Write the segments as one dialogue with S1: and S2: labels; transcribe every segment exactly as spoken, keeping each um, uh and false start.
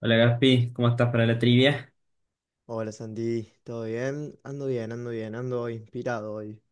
S1: Hola Gaspi, ¿cómo estás para la trivia?
S2: Hola Santi, ¿todo bien? Ando bien, ando bien, ando inspirado hoy.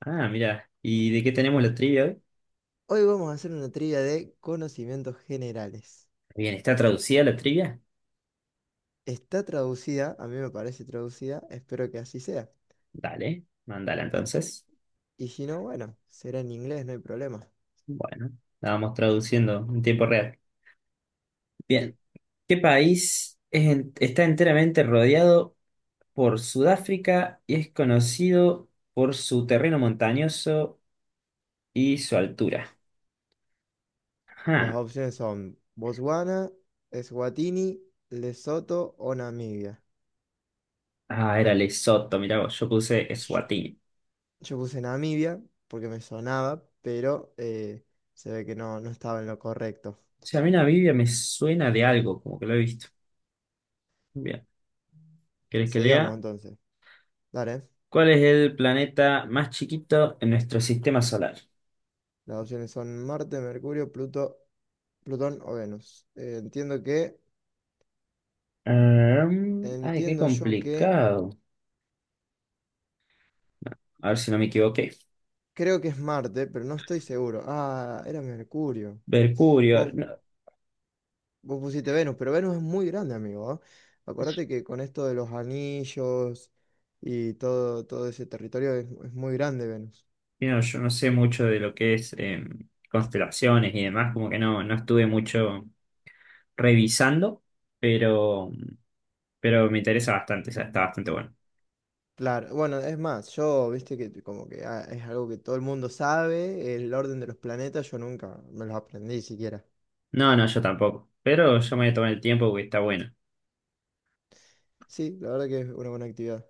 S1: Ah, mira, ¿y de qué tenemos la trivia hoy?
S2: Hoy vamos a hacer una trivia de conocimientos generales.
S1: Bien, ¿está traducida la trivia?
S2: Está traducida, a mí me parece traducida, espero que así sea.
S1: Dale, mándala entonces.
S2: Y si no, bueno, será en inglés, no hay problema.
S1: Bueno, la vamos traduciendo en tiempo real. Bien, ¿qué país es en- está enteramente rodeado por Sudáfrica y es conocido por su terreno montañoso y su altura?
S2: Las
S1: Ajá.
S2: opciones son Botswana, Eswatini, Lesoto o Namibia.
S1: Ah, era Lesoto, mirá vos, yo puse
S2: Sh-
S1: Eswatini. O
S2: Yo puse Namibia porque me sonaba, pero eh, se ve que no, no estaba en lo correcto.
S1: sea, a mí Namibia me suena de algo, como que lo he visto. Bien, ¿querés que
S2: Seguimos
S1: lea?
S2: entonces. Dale.
S1: ¿Cuál es el planeta más chiquito en nuestro sistema solar?
S2: Las opciones son Marte, Mercurio, Pluto, Plutón o Venus. Eh, entiendo que,
S1: Em, ay, qué
S2: entiendo yo que,
S1: complicado. A ver si no me equivoqué.
S2: Creo que es Marte, pero no estoy seguro. Ah, era Mercurio.
S1: Mercurio.
S2: Vos,
S1: No,
S2: vos pusiste Venus, pero Venus es muy grande, amigo. ¿Ah? Acordate que con esto de los anillos y todo, todo ese territorio es, es muy grande Venus.
S1: mira, yo no sé mucho de lo que es em, constelaciones y demás, como que no, no estuve mucho revisando, pero, pero me interesa bastante, o sea, está bastante bueno.
S2: Claro, bueno, es más, yo, viste que como que ah, es algo que todo el mundo sabe, el orden de los planetas, yo nunca me los aprendí siquiera.
S1: No, no, yo tampoco, pero yo me voy a tomar el tiempo porque está bueno.
S2: Sí, la verdad que es una buena actividad.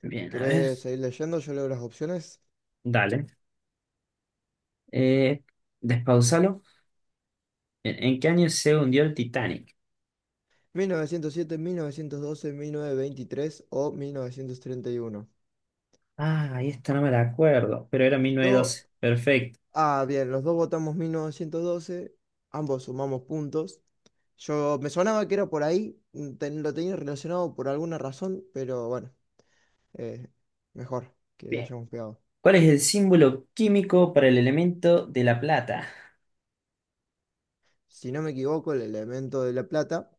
S1: Bien, a ver,
S2: ¿Querés seguir leyendo? Yo leo las opciones.
S1: dale. Eh, Despausalo. ¿En, en qué año se hundió el Titanic?
S2: mil novecientos siete, mil novecientos doce, mil novecientos veintitrés o mil novecientos treinta y uno.
S1: Ah, ahí está, no me la acuerdo, pero era
S2: Yo,
S1: mil novecientos doce. Perfecto.
S2: ah, bien, los dos votamos mil novecientos doce, ambos sumamos puntos. Yo me sonaba que era por ahí, mm, ten- lo tenía relacionado por alguna razón, pero bueno, eh, mejor que le
S1: Bien.
S2: hayamos pegado.
S1: ¿Cuál es el símbolo químico para el elemento de la plata?
S2: Si no me equivoco, el elemento de la plata,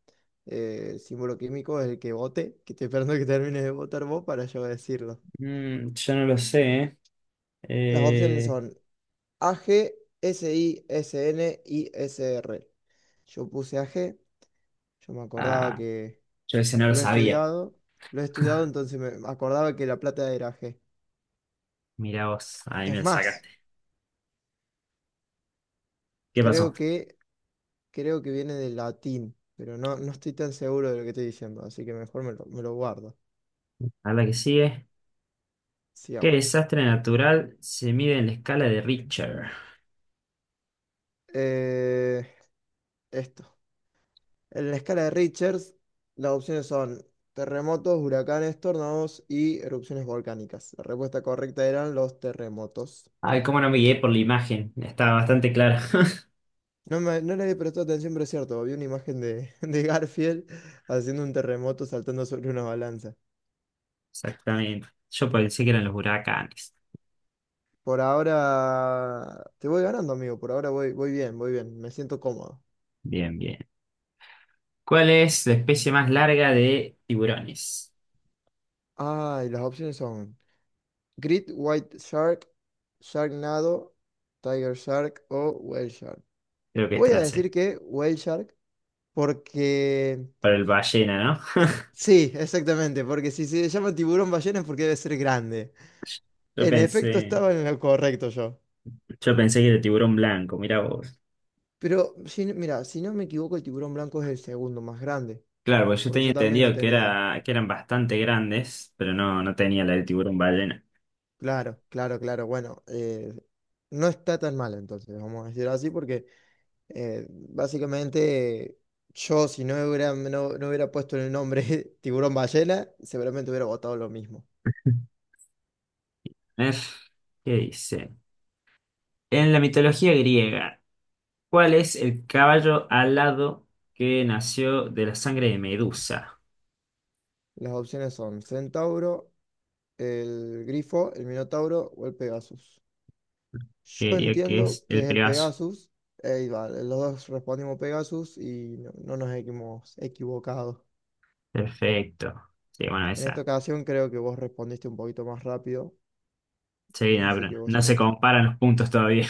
S2: eh, el símbolo químico es el que vote, que estoy esperando que termine de votar vos para yo decirlo.
S1: Mm, yo no lo sé, ¿eh?
S2: Las opciones
S1: Eh,
S2: son AG, SISN y SR. Yo puse AG, yo me acordaba
S1: ah,
S2: que
S1: yo ese
S2: lo
S1: no lo
S2: lo he
S1: sabía.
S2: estudiado, lo he estudiado, entonces me acordaba que la plata era G.
S1: Mira vos, ahí me
S2: Es
S1: lo
S2: más,
S1: sacaste. ¿Qué pasó?
S2: creo que, creo que viene del latín, pero no, no estoy tan seguro de lo que estoy diciendo, así que mejor me lo, me lo guardo.
S1: A la que sigue. ¿Qué
S2: Sigamos.
S1: desastre natural se mide en la escala de Richter?
S2: Eh, esto. En la escala de Richards, las opciones son terremotos, huracanes, tornados y erupciones volcánicas. La respuesta correcta eran los terremotos.
S1: Ay, cómo no me guié por la imagen. Estaba bastante clara.
S2: No, me, no le había prestado atención, pero es cierto. Vi una imagen de, de Garfield haciendo un terremoto saltando sobre una balanza.
S1: Exactamente. Yo pensé que eran los huracanes.
S2: Por ahora te voy ganando, amigo. Por ahora voy, voy bien, voy bien. Me siento cómodo.
S1: Bien, bien. ¿Cuál es la especie más larga de tiburones?
S2: Ah, y las opciones son Great White Shark, Sharknado, Tiger Shark o Whale Shark.
S1: Creo que esta
S2: Voy a
S1: la
S2: decir
S1: sé.
S2: que Whale Shark. Porque.
S1: Para el ballena, ¿no?
S2: Sí, exactamente, porque si se llama tiburón ballena es porque debe ser grande.
S1: Yo
S2: En efecto,
S1: pensé,
S2: estaba en lo correcto yo.
S1: yo pensé que era tiburón blanco, mira vos.
S2: Pero, si, no- mira, si no me equivoco, el tiburón blanco es el segundo más grande,
S1: Claro, porque yo
S2: porque
S1: tenía
S2: yo también lo
S1: entendido que
S2: tenía.
S1: era, que eran bastante grandes, pero no, no tenía la del tiburón ballena.
S2: Claro, claro, claro. Bueno, eh, no está tan mal entonces, vamos a decirlo así, porque eh, básicamente eh, yo, si no hubiera, no, no hubiera puesto el nombre tiburón ballena, seguramente hubiera votado lo mismo.
S1: A ver, ¿qué dice? En la mitología griega, ¿cuál es el caballo alado que nació de la sangre de Medusa?
S2: Las opciones son centauro, el Grifo, el Minotauro o el Pegasus.
S1: Yo
S2: Yo
S1: diría que
S2: entiendo
S1: es
S2: que
S1: el
S2: es el
S1: Pegaso.
S2: Pegasus. eh, y vale, los dos respondimos Pegasus y no, no nos hemos equivocado.
S1: Perfecto. Sí, bueno,
S2: En esta
S1: esa.
S2: ocasión creo que vos respondiste un poquito más rápido,
S1: Sí, no,
S2: así
S1: pero
S2: que vos
S1: no se
S2: sumaste.
S1: comparan los puntos todavía.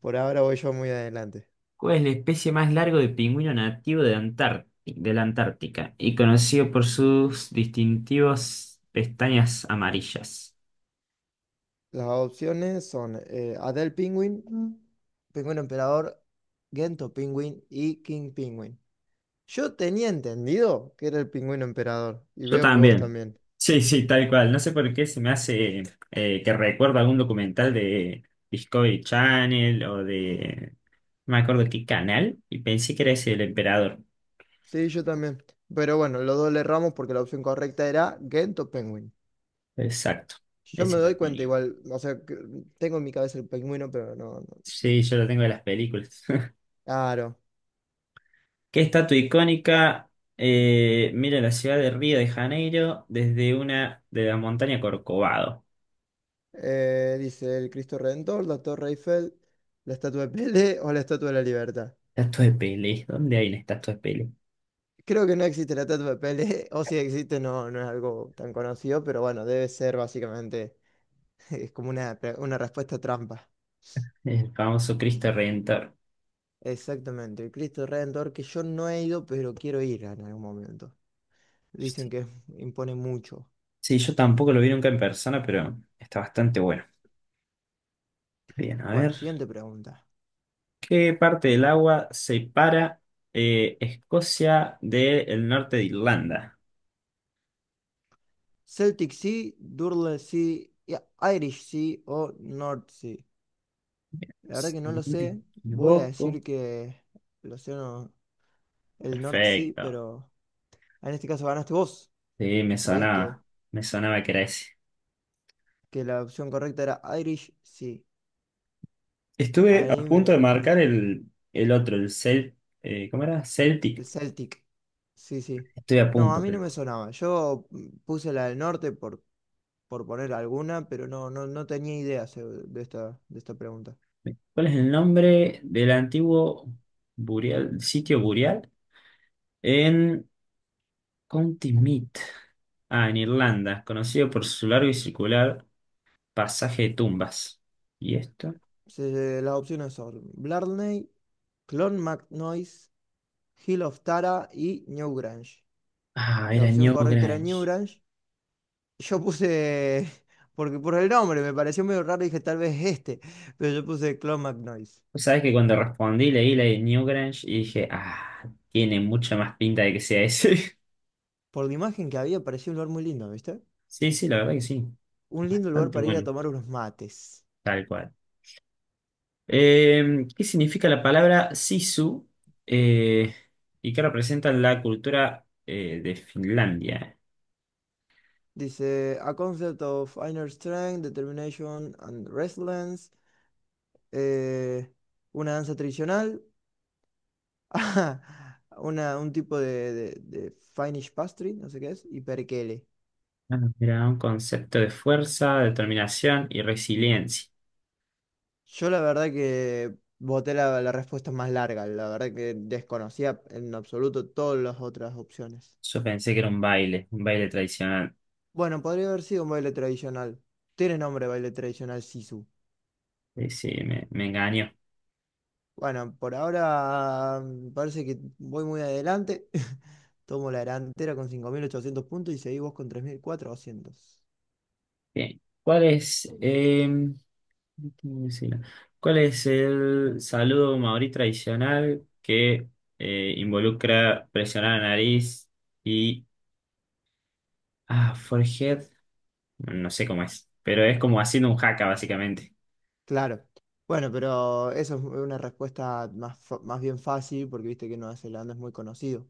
S2: Por ahora voy yo muy adelante.
S1: ¿Cuál es la especie más larga de pingüino nativo de Antárti- de la Antártica y conocido por sus distintivos pestañas amarillas?
S2: Las opciones son eh, Adele Penguin, Mm. Penguin Emperador, Gento Penguin y King Penguin. Yo tenía entendido que era el Pingüino Emperador y
S1: Yo
S2: veo que vos
S1: también.
S2: también.
S1: Sí, sí, tal cual. No sé por qué se me hace eh, que recuerdo algún documental de Discovery Channel o de... No me acuerdo qué canal y pensé que era ese del emperador.
S2: Sí, yo también. Pero bueno, los dos le erramos porque la opción correcta era Ghent o Penguin.
S1: Exacto,
S2: Yo me
S1: ese no
S2: doy
S1: lo
S2: cuenta
S1: tenía.
S2: igual, o sea, que tengo en mi cabeza el pingüino, pero no, no.
S1: Sí, yo lo tengo de las películas.
S2: Claro.
S1: ¿Qué estatua icónica eh, mira la ciudad de Río de Janeiro desde una de la montaña Corcovado?
S2: Eh, dice el Cristo Redentor, la Torre Eiffel, la Estatua de Pelé o la Estatua de la Libertad.
S1: Estatua de Pelé. ¿Dónde hay una estatua de Pelé?
S2: Creo que no existe la Estatua de Pelé, o si existe no, no es algo tan conocido, pero bueno, debe ser básicamente, es como una, pre- una respuesta trampa.
S1: El famoso Cristo Redentor.
S2: Exactamente, el Cristo Redentor que yo no he ido, pero quiero ir en algún momento. Dicen que impone mucho.
S1: Sí, yo tampoco lo vi nunca en persona, pero está bastante bueno. Bien, a
S2: Bueno,
S1: ver.
S2: siguiente pregunta.
S1: ¿Qué parte del agua separa eh, Escocia del norte de Irlanda?
S2: Celtic Sea, Durle Sea, ya, Irish Sea o North Sea. La verdad
S1: Si
S2: que no
S1: no
S2: lo
S1: me
S2: sé. Voy a
S1: equivoco.
S2: decir que el océano, el North Sea,
S1: Perfecto.
S2: pero en este caso ganaste vos.
S1: Sí, me
S2: Sabías que,
S1: sonaba. Me sonaba que era ese.
S2: que la opción correcta era Irish Sea.
S1: Estuve a
S2: Ahí
S1: punto de
S2: me-
S1: marcar el, el otro, el Cel, eh, ¿cómo era?
S2: el
S1: Celtic.
S2: Celtic. Sí, sí.
S1: Estoy a
S2: No, a
S1: punto,
S2: mí no
S1: pero.
S2: me sonaba. Yo mm, puse la del norte por, por poner alguna, pero no, no, no tenía idea se- de esta, de esta pregunta.
S1: ¿Cuál es el nombre del antiguo Burial, sitio Burial? En County Meath. Ah, en Irlanda, conocido por su largo y circular pasaje de tumbas. ¿Y esto?
S2: Se- las opciones son Blarney, Clon MacNoise, Hill of Tara y Newgrange.
S1: Ah,
S2: La
S1: era
S2: opción correcta era
S1: Newgrange.
S2: Newgrange. Yo puse, porque por el nombre me pareció medio raro, dije tal vez este, pero yo puse Clon MacNoise.
S1: Vos sabés que cuando respondí leí la de Newgrange y dije, ah, tiene mucha más pinta de que sea ese.
S2: Por la imagen que había, parecía un lugar muy lindo, ¿viste?
S1: Sí, sí, la verdad que sí.
S2: Un lindo lugar
S1: Bastante
S2: para ir a
S1: bueno,
S2: tomar unos mates.
S1: tal cual. Eh, ¿qué significa la palabra sisu eh, y qué representa la cultura eh, de Finlandia?
S2: Dice, a concept of inner strength, determination and resilience. eh, una danza tradicional Una, un tipo de, de, de Finnish pastry, no sé qué es, y perkele.
S1: Ah, era un concepto de fuerza, determinación y resiliencia.
S2: Yo la verdad que voté la, la respuesta más larga, la verdad que desconocía en absoluto todas las otras opciones.
S1: Yo pensé que era un baile, un baile tradicional.
S2: Bueno, podría haber sido un baile tradicional. Tiene nombre baile tradicional Sisu.
S1: Sí, sí, me, me engañó.
S2: Bueno, por ahora mm, parece que voy muy adelante. Tomo la delantera con cinco mil ochocientos puntos y seguí vos con tres mil cuatrocientos.
S1: Bien. ¿Cuál es, eh, ¿cómo decirlo? ¿Cuál es el saludo maorí tradicional que eh, involucra presionar la nariz y ah, forehead? No sé cómo es. Pero es como haciendo un haka, básicamente.
S2: Claro. Bueno, pero eso es una respuesta más, fa- más bien fácil porque viste que Nueva Zelanda es muy conocido.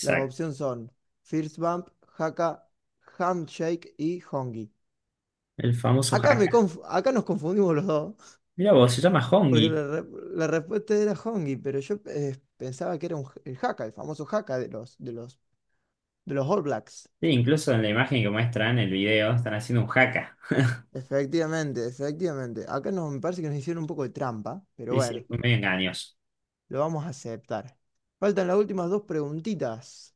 S2: Las opciones son First Bump, Haka, Handshake y Hongi.
S1: El famoso
S2: Acá, me
S1: haka.
S2: conf- acá nos confundimos los dos
S1: Mira vos, se llama
S2: porque
S1: Hongi.
S2: la, re- la respuesta era Hongi, pero yo eh, pensaba que era un j- el Haka, el famoso Haka de los, de los, de los All Blacks.
S1: Sí, incluso en la imagen que muestran, en el video, están haciendo un haka.
S2: Efectivamente, efectivamente. Acá nos, me parece que nos hicieron un poco de trampa, pero
S1: Sí, sí,
S2: bueno,
S1: fue medio engañoso.
S2: lo vamos a aceptar. Faltan las últimas dos preguntitas.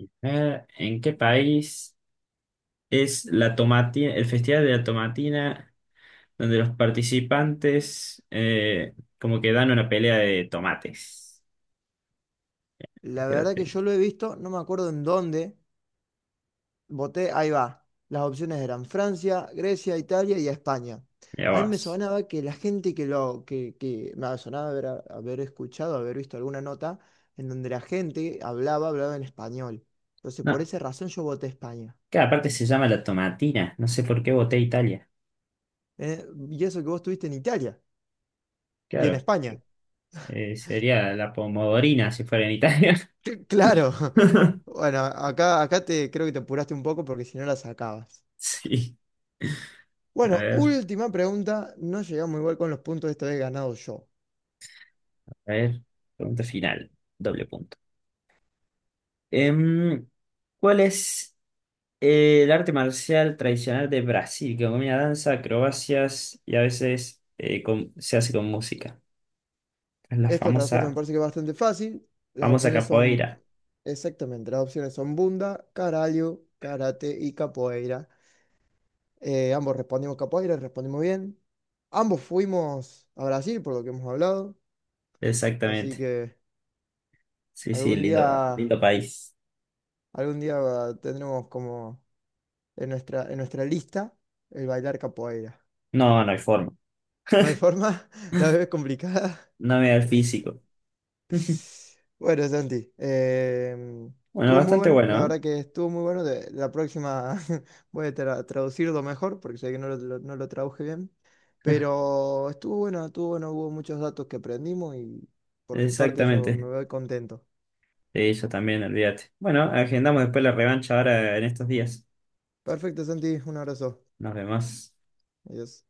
S1: A ver, ¿en qué país es la tomatina, el Festival de la Tomatina, donde los participantes eh, como que dan una pelea de tomates?
S2: La verdad
S1: Espérate,
S2: que yo lo he visto, no me acuerdo en dónde. Voté, ahí va. Las opciones eran Francia, Grecia, Italia y España.
S1: mira
S2: A mí me
S1: vos.
S2: sonaba que la gente que lo, que, que me sonaba haber, haber escuchado, haber visto alguna nota en donde la gente hablaba, hablaba en español. Entonces, por
S1: No,
S2: esa razón yo voté España.
S1: cada parte se llama la tomatina. No sé por qué voté Italia.
S2: Eh, y eso que vos estuviste en Italia y en
S1: Claro,
S2: España.
S1: Eh, sería la pomodorina si fuera en Italia.
S2: Cl- Claro. Bueno, acá, acá te creo que te apuraste un poco porque si no la sacabas.
S1: Sí. A
S2: Bueno,
S1: ver,
S2: última pregunta. No llegamos igual con los puntos, esta vez he ganado yo.
S1: a ver. Pregunta final. Doble punto. Em, ¿cuál es eh, el arte marcial tradicional de Brasil? Que combina danza, acrobacias y a veces eh, con- se hace con música. Es la
S2: Esto, en respeto, me
S1: famosa,
S2: parece que es bastante fácil. Las
S1: famosa
S2: opciones son,
S1: capoeira.
S2: exactamente, las opciones son Bunda, Caralho, Karate y Capoeira. Eh, ambos respondimos Capoeira, respondimos bien. Ambos fuimos a Brasil, por lo que hemos hablado. Así
S1: Exactamente.
S2: que
S1: Sí, sí,
S2: algún
S1: lindo,
S2: día,
S1: lindo país.
S2: algún día ah, tendremos como en nuestra, en nuestra lista el bailar Capoeira.
S1: No, no hay forma.
S2: ¿No hay forma? La vez es complicada.
S1: No me da el físico.
S2: Bueno, Santi, em,
S1: Bueno,
S2: estuvo muy
S1: bastante
S2: bueno, la
S1: bueno,
S2: verdad que estuvo muy bueno. de- la próxima voy a tra- traducirlo mejor porque sé que no lo, lo- no lo traduje bien,
S1: ¿eh?
S2: pero estuvo bueno, estuvo bueno, hubo muchos datos que aprendimos y por mi parte yo me
S1: Exactamente.
S2: voy contento.
S1: Sí, yo también, olvídate. Bueno, agendamos después la revancha ahora en estos días.
S2: Perfecto, Santi, un abrazo.
S1: Nos vemos.
S2: Adiós.